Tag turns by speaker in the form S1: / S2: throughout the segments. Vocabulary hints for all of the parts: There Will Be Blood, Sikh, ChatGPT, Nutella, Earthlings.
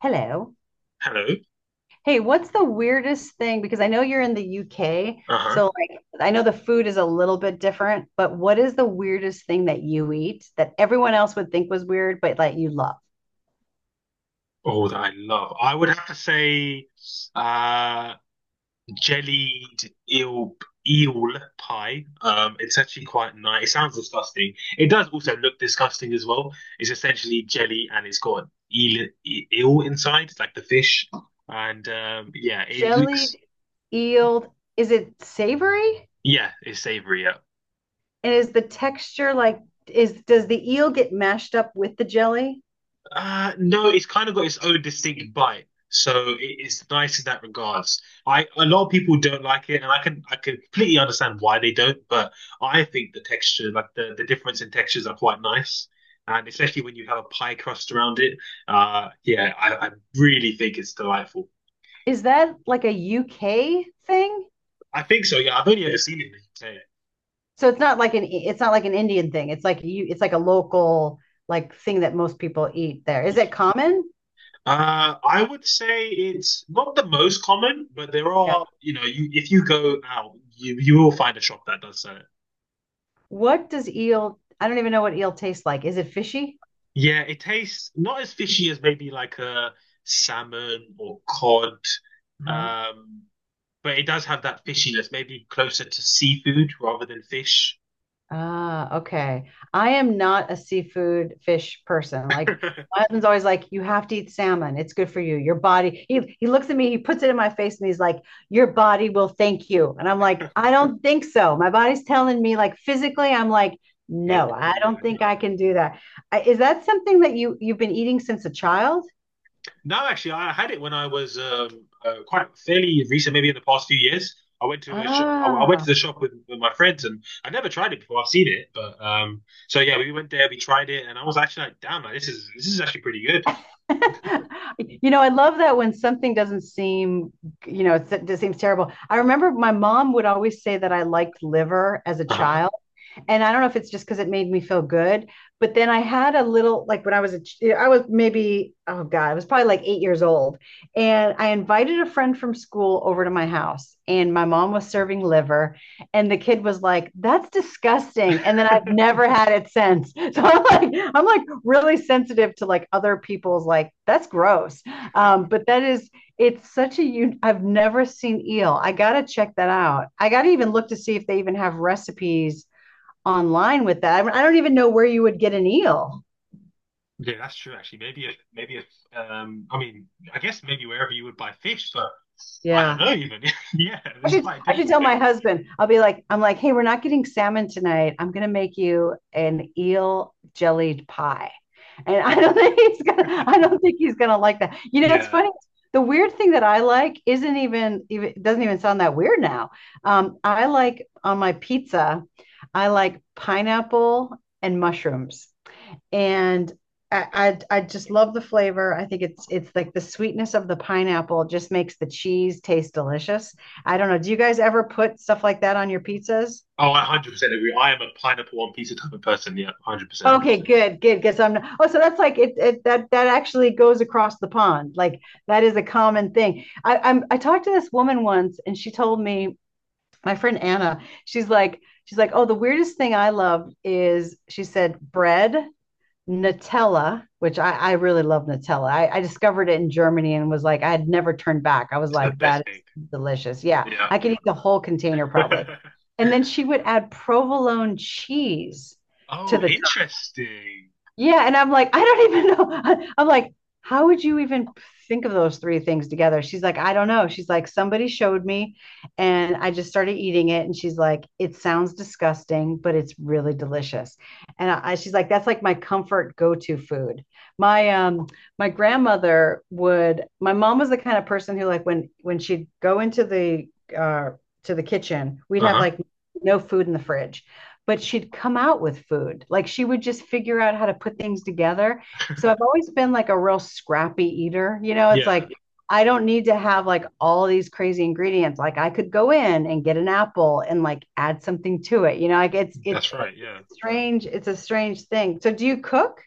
S1: Hello.
S2: Hello.
S1: Hey, what's the weirdest thing? Because I know you're in the UK,
S2: Uh-huh.
S1: so like I know the food is a little bit different, but what is the weirdest thing that you eat that everyone else would think was weird, but that you love?
S2: Oh, that I love. I would have to say uh jellied eel pie. It's actually quite nice. It sounds disgusting. It does also look disgusting as well. It's essentially jelly, and it's got eel inside, like the fish. And yeah, it looks
S1: Jellied eel, is it savory?
S2: yeah, it's savory. Yeah.
S1: And is the texture like is does the eel get mashed up with the jelly?
S2: No, it's kind of got its own distinct bite, so it's nice in that regards. I A lot of people don't like it, and I can completely understand why they don't. But I think the texture, like the difference in textures, are quite nice, and especially when you have a pie crust around it. Yeah, I really think it's delightful.
S1: Is that like a UK thing?
S2: I think so. Yeah, I've only ever seen it in the UK.
S1: So it's not like an Indian thing. It's like you it's like a local like thing that most people eat there. Is it common?
S2: I would say it's not the most common, but there
S1: Yeah.
S2: are, you know, you if you go out, you will find a shop that does so.
S1: What does eel I don't even know what eel tastes like. Is it fishy?
S2: Yeah, it tastes not as fishy as maybe like a salmon or cod,
S1: Huh?
S2: um, but it does have that fishiness, maybe closer to seafood rather than fish.
S1: Ah, okay. I am not a seafood fish person. Like my husband's always like, you have to eat salmon. It's good for you. Your body. He looks at me, he puts it in my face, and he's like, your body will thank you. And I'm like, I don't think so. My body's telling me, like physically, I'm like,
S2: Nope.
S1: no, I
S2: Yeah,
S1: don't think
S2: no.
S1: I can do that. Is that something that you've been eating since a child?
S2: No, actually, I had it when I was quite fairly recent, maybe in the past few years. I went to a shop. I went to
S1: Ah.
S2: the shop with my friends, and I never tried it before. I've seen it, but so yeah, we went there, we tried it, and I was actually like, "Damn, like, this is actually pretty good."
S1: You know, I love that when something doesn't seem, you know, it seems terrible. I remember my mom would always say that I liked liver as a
S2: Uh-huh.
S1: child and I don't know if it's just because it made me feel good, but then I had a little like when I was a I was maybe oh god I was probably like 8 years old, and I invited a friend from school over to my house, and my mom was serving liver, and the kid was like that's disgusting, and then I've never had it since. So I'm like really sensitive to like other people's like that's gross, but that is it's such a you I've never seen eel. I gotta check that out. I gotta even look to see if they even have recipes online with that. Don't even know where you would get an eel.
S2: Yeah, that's true. Actually, maybe if I mean, I guess maybe wherever you would buy fish, but I don't
S1: Yeah.
S2: know even. Yeah,
S1: I
S2: it's
S1: should
S2: quite a
S1: I should
S2: difficult
S1: tell
S2: thing.
S1: my husband. I'll be like, I'm like, hey, we're not getting salmon tonight. I'm gonna make you an eel jellied pie. And I don't think he's gonna I don't think he's gonna like that. You know, it's
S2: Yeah.
S1: funny. The weird thing that I like isn't even doesn't even sound that weird now. I like on my pizza, I like pineapple and mushrooms. And I just love the flavor. I think it's like the sweetness of the pineapple just makes the cheese taste delicious. I don't know. Do you guys ever put stuff like that on your pizzas?
S2: Oh, I 100% agree. I am a pineapple one pizza type of person. Yeah, 100%.
S1: Okay, good, good. Because I'm not, oh, so that's like it that that actually goes across the pond. Like that is a common thing. I talked to this woman once, and she told me my friend Anna. She's like she's like, oh, the weirdest thing I love is she said bread Nutella, which I really love Nutella. I discovered it in Germany and was like, I had never turned back. I was
S2: It's the
S1: like,
S2: best
S1: that is
S2: thing.
S1: delicious. Yeah,
S2: Yeah.
S1: I could eat the whole container probably. And then she would add provolone cheese to
S2: Oh,
S1: the
S2: interesting.
S1: yeah, and I'm like, I don't even know. I'm like, how would you even think of those three things together? She's like, I don't know. She's like, somebody showed me and I just started eating it. And she's like, it sounds disgusting, but it's really delicious. And she's like, that's like my comfort go-to food. My my grandmother would, my mom was the kind of person who like when she'd go into the uh to the kitchen, we'd have
S2: Uh-huh.
S1: like no food in the fridge but she'd come out with food. Like she would just figure out how to put things together. So I've always been like a real scrappy eater. You know, it's
S2: Yeah,
S1: like I don't need to have like all these crazy ingredients. Like I could go in and get an apple and like add something to it. You know, like it's it's,
S2: that's right. Yeah.
S1: it's strange. It's a strange thing. So do you cook?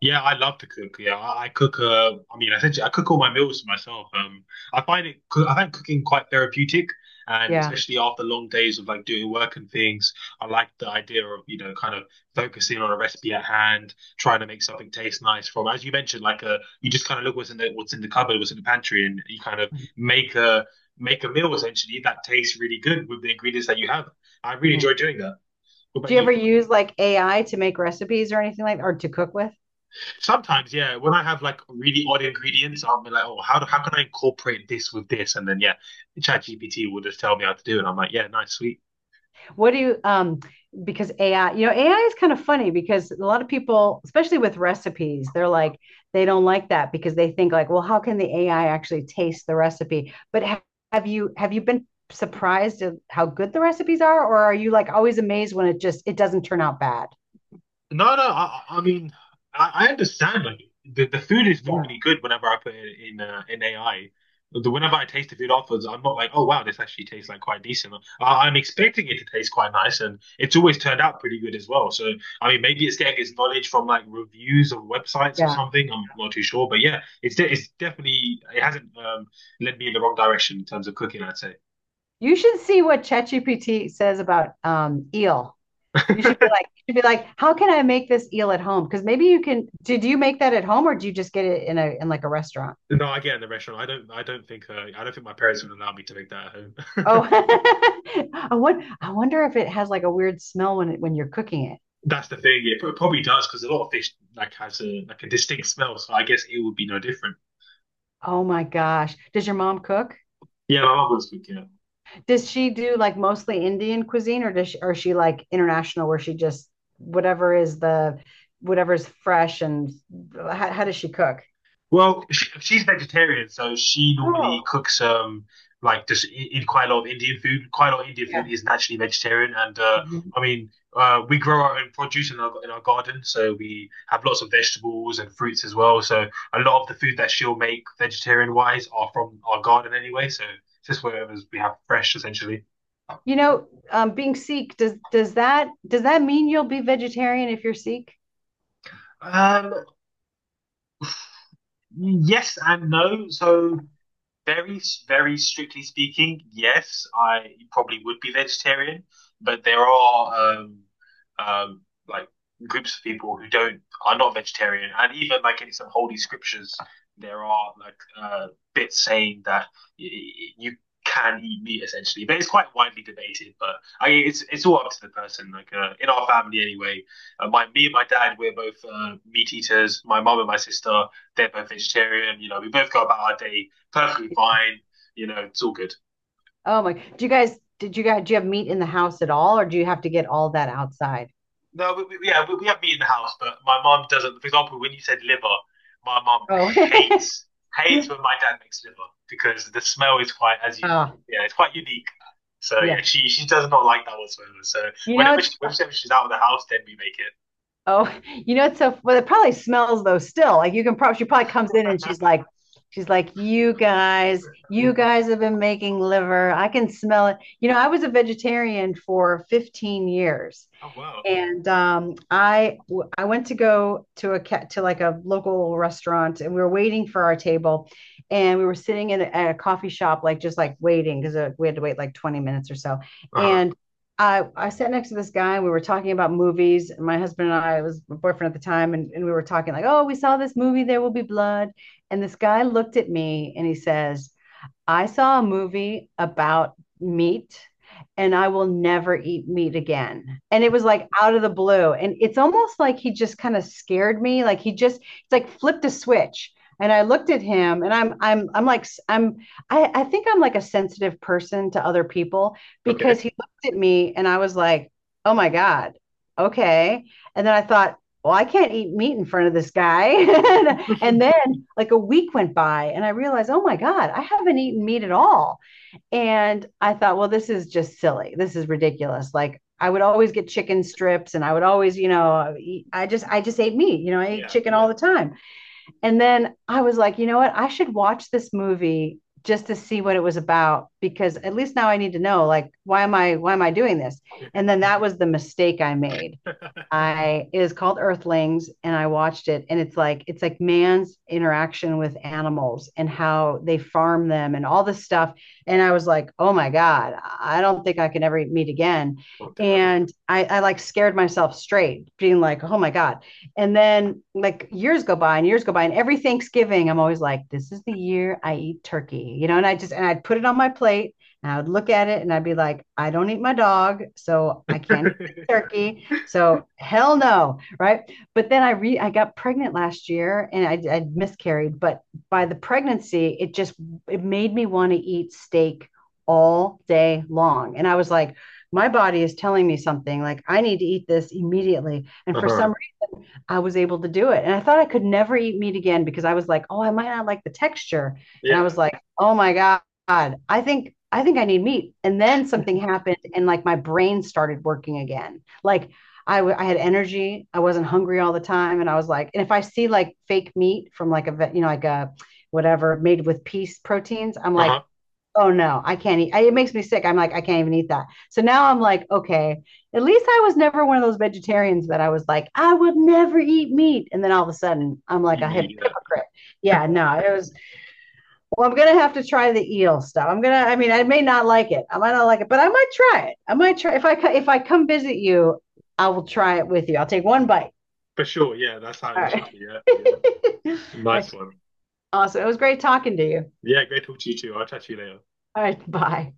S2: Yeah, I love to cook. Yeah, I cook. I mean, essentially, I cook all my meals myself. I find cooking quite therapeutic, and
S1: Yeah.
S2: especially after long days of like doing work and things, I like the idea of, you know, kind of focusing on a recipe at hand, trying to make something taste nice from. As you mentioned, like you just kind of look what's in the cupboard, what's in the pantry, and you kind of make a make a meal essentially that tastes really good with the ingredients that you have. I really
S1: Mm.
S2: enjoy doing that. What
S1: Do
S2: about
S1: you
S2: you?
S1: ever use like AI to make recipes or anything like that, or to cook with?
S2: Sometimes, yeah, when I have like really odd ingredients, I'll be like, oh, how can I incorporate this with this? And then yeah, ChatGPT will just tell me how to do it. And I'm like, yeah, nice, sweet.
S1: What do you because AI, you know, AI is kind of funny because a lot of people, especially with recipes, they're like they don't like that because they think like, well, how can the AI actually taste the recipe? But have you been surprised at how good the recipes are or are you like always amazed when it just it doesn't turn out bad?
S2: No, no. I mean, I understand. Like the food is
S1: Yeah.
S2: normally good whenever I put it in AI. The, whenever I taste the food afterwards, I'm not like, oh wow, this actually tastes like quite decent. I'm expecting it to taste quite nice, and it's always turned out pretty good as well. So I mean, maybe it's getting its knowledge from like reviews of websites or
S1: Yeah.
S2: something. I'm not too sure, but yeah, it's definitely it hasn't led me in the wrong direction in terms of cooking, I'd say.
S1: You should see what ChatGPT says about eel. You should be like you should be like, how can I make this eel at home? Because maybe you can did you make that at home or do you just get it in a in like a restaurant?
S2: No, I get in the restaurant. I don't think my parents would allow me to make that at home.
S1: Oh, I wonder if it has like a weird smell when you're cooking it.
S2: That's the thing. It probably does because a lot of fish like has a like a distinct smell. So I guess it would be no different.
S1: Oh my gosh. Does your mom cook?
S2: Yeah, my mum was cooking it.
S1: Does she do like mostly Indian cuisine or does she, or is she like international where she just whatever is the whatever's fresh and how does she cook?
S2: Well, she's vegetarian, so she normally
S1: Oh,
S2: cooks like just in quite a lot of Indian food. Quite a lot of Indian food
S1: yeah.
S2: is naturally vegetarian, and
S1: Mhm.
S2: I mean we grow our own produce in our garden, so we have lots of vegetables and fruits as well. So a lot of the food that she'll make vegetarian wise are from our garden anyway. So just whatever we have fresh essentially.
S1: You know, being Sikh, does that mean you'll be vegetarian if you're Sikh?
S2: Um, Yes and no. So very, very strictly speaking, yes, I probably would be vegetarian, but there are um, like groups of people who don't are not vegetarian, and even like in some holy scriptures, there are like bits saying that you can eat meat essentially, but it's quite widely debated. But I, it's all up to the person. Like in our family anyway, my me and my dad we're both meat eaters. My mum and my sister they're both vegetarian. You know, we both go about our day perfectly fine. You know, it's all good.
S1: Oh my. Do you guys did you guys do you have meat in the house at all or do you have to get all that outside?
S2: No, yeah, we have meat in the house, but my mum doesn't. For example, when you said liver, my mum
S1: Oh.
S2: hates hates when my dad makes liver because the smell is quite as you
S1: Oh,
S2: yeah, it's quite unique. So yeah,
S1: yeah.
S2: she does not like that whatsoever. So
S1: You know it's
S2: whenever she's out of the house, then we make it.
S1: oh, you know it's so well. It probably smells though still. Like you can probably she probably comes in and she's like, you guys have been making liver. I can smell it. You know, I was a vegetarian for 15 years,
S2: Oh wow.
S1: and I went to go to a to like a local restaurant, and we were waiting for our table, and we were sitting in a, at a coffee shop, like just like waiting because we had to wait like 20 minutes or so.
S2: Uh huh.
S1: And I sat next to this guy, and we were talking about movies. And my husband and I it was my boyfriend at the time, and we were talking like, oh, we saw this movie, There Will Be Blood, and this guy looked at me and he says, I saw a movie about meat and I will never eat meat again. And it was like out of the blue. And it's almost like he just kind of scared me. Like he just, it's like flipped a switch. And I looked at him and I'm like, I'm, I think I'm like a sensitive person to other people
S2: Okay.
S1: because he looked at me and I was like, oh my God, okay. And then I thought, well, I can't eat meat in front of this guy. And then like a week went by and I realized, oh my God, I haven't eaten meat at all. And I thought, well, this is just silly. This is ridiculous. Like I would always get chicken strips and I would always, you know, I just ate meat, you know, I ate
S2: Yeah.
S1: chicken all the time. And then I was like, you know what? I should watch this movie just to see what it was about because at least now I need to know like why am I doing this? And then that was the mistake I made I it is called Earthlings, and I watched it, and it's like man's interaction with animals and how they farm them and all this stuff. And I was like, oh my god, I don't think I can ever meet again.
S2: Oh damn.
S1: And I like scared myself straight, being like, oh my god. And then like years go by, and every Thanksgiving, I'm always like, this is the year I eat turkey, you know. And I just and I'd put it on my plate, and I would look at it, and I'd be like, I don't eat my dog, so I can't eat turkey so hell no, right? But then I got pregnant last year and I miscarried, but by the pregnancy, it just it made me want to eat steak all day long. And I was like, my body is telling me something like I need to eat this immediately. And
S2: Uh
S1: for
S2: huh.
S1: some I was able to do it. And I thought I could never eat meat again because I was like, oh, I might not like the texture. And I was
S2: Yeah.
S1: like, oh my God, I think I need meat. And then something happened and like my brain started working again. Like I had energy. I wasn't hungry all the time. And I was like, and if I see like fake meat from like a, you know, like a whatever made with peace proteins, I'm
S2: Uh
S1: like,
S2: huh.
S1: oh no, I can't eat. It makes me sick. I'm like, I can't even eat that. So now I'm like, okay, at least I was never one of those vegetarians that I was like, I would never eat meat. And then all of a sudden, I'm like
S2: You
S1: a
S2: mean yeah.
S1: hypocrite. Yeah, no, it was, well, I'm going to have to try the eel stuff. I'm going to, I mean, I may not like it. I might not like it, but I might try it. I might try, if I come visit you, I will try it with you. I'll take one bite.
S2: For sure. Yeah, that's how
S1: All
S2: it
S1: right.
S2: should be. Yeah.
S1: All
S2: Nice
S1: right.
S2: one.
S1: Awesome. It was great talking to you.
S2: Yeah, great talk to you too. I'll chat to you later.
S1: All right. Bye.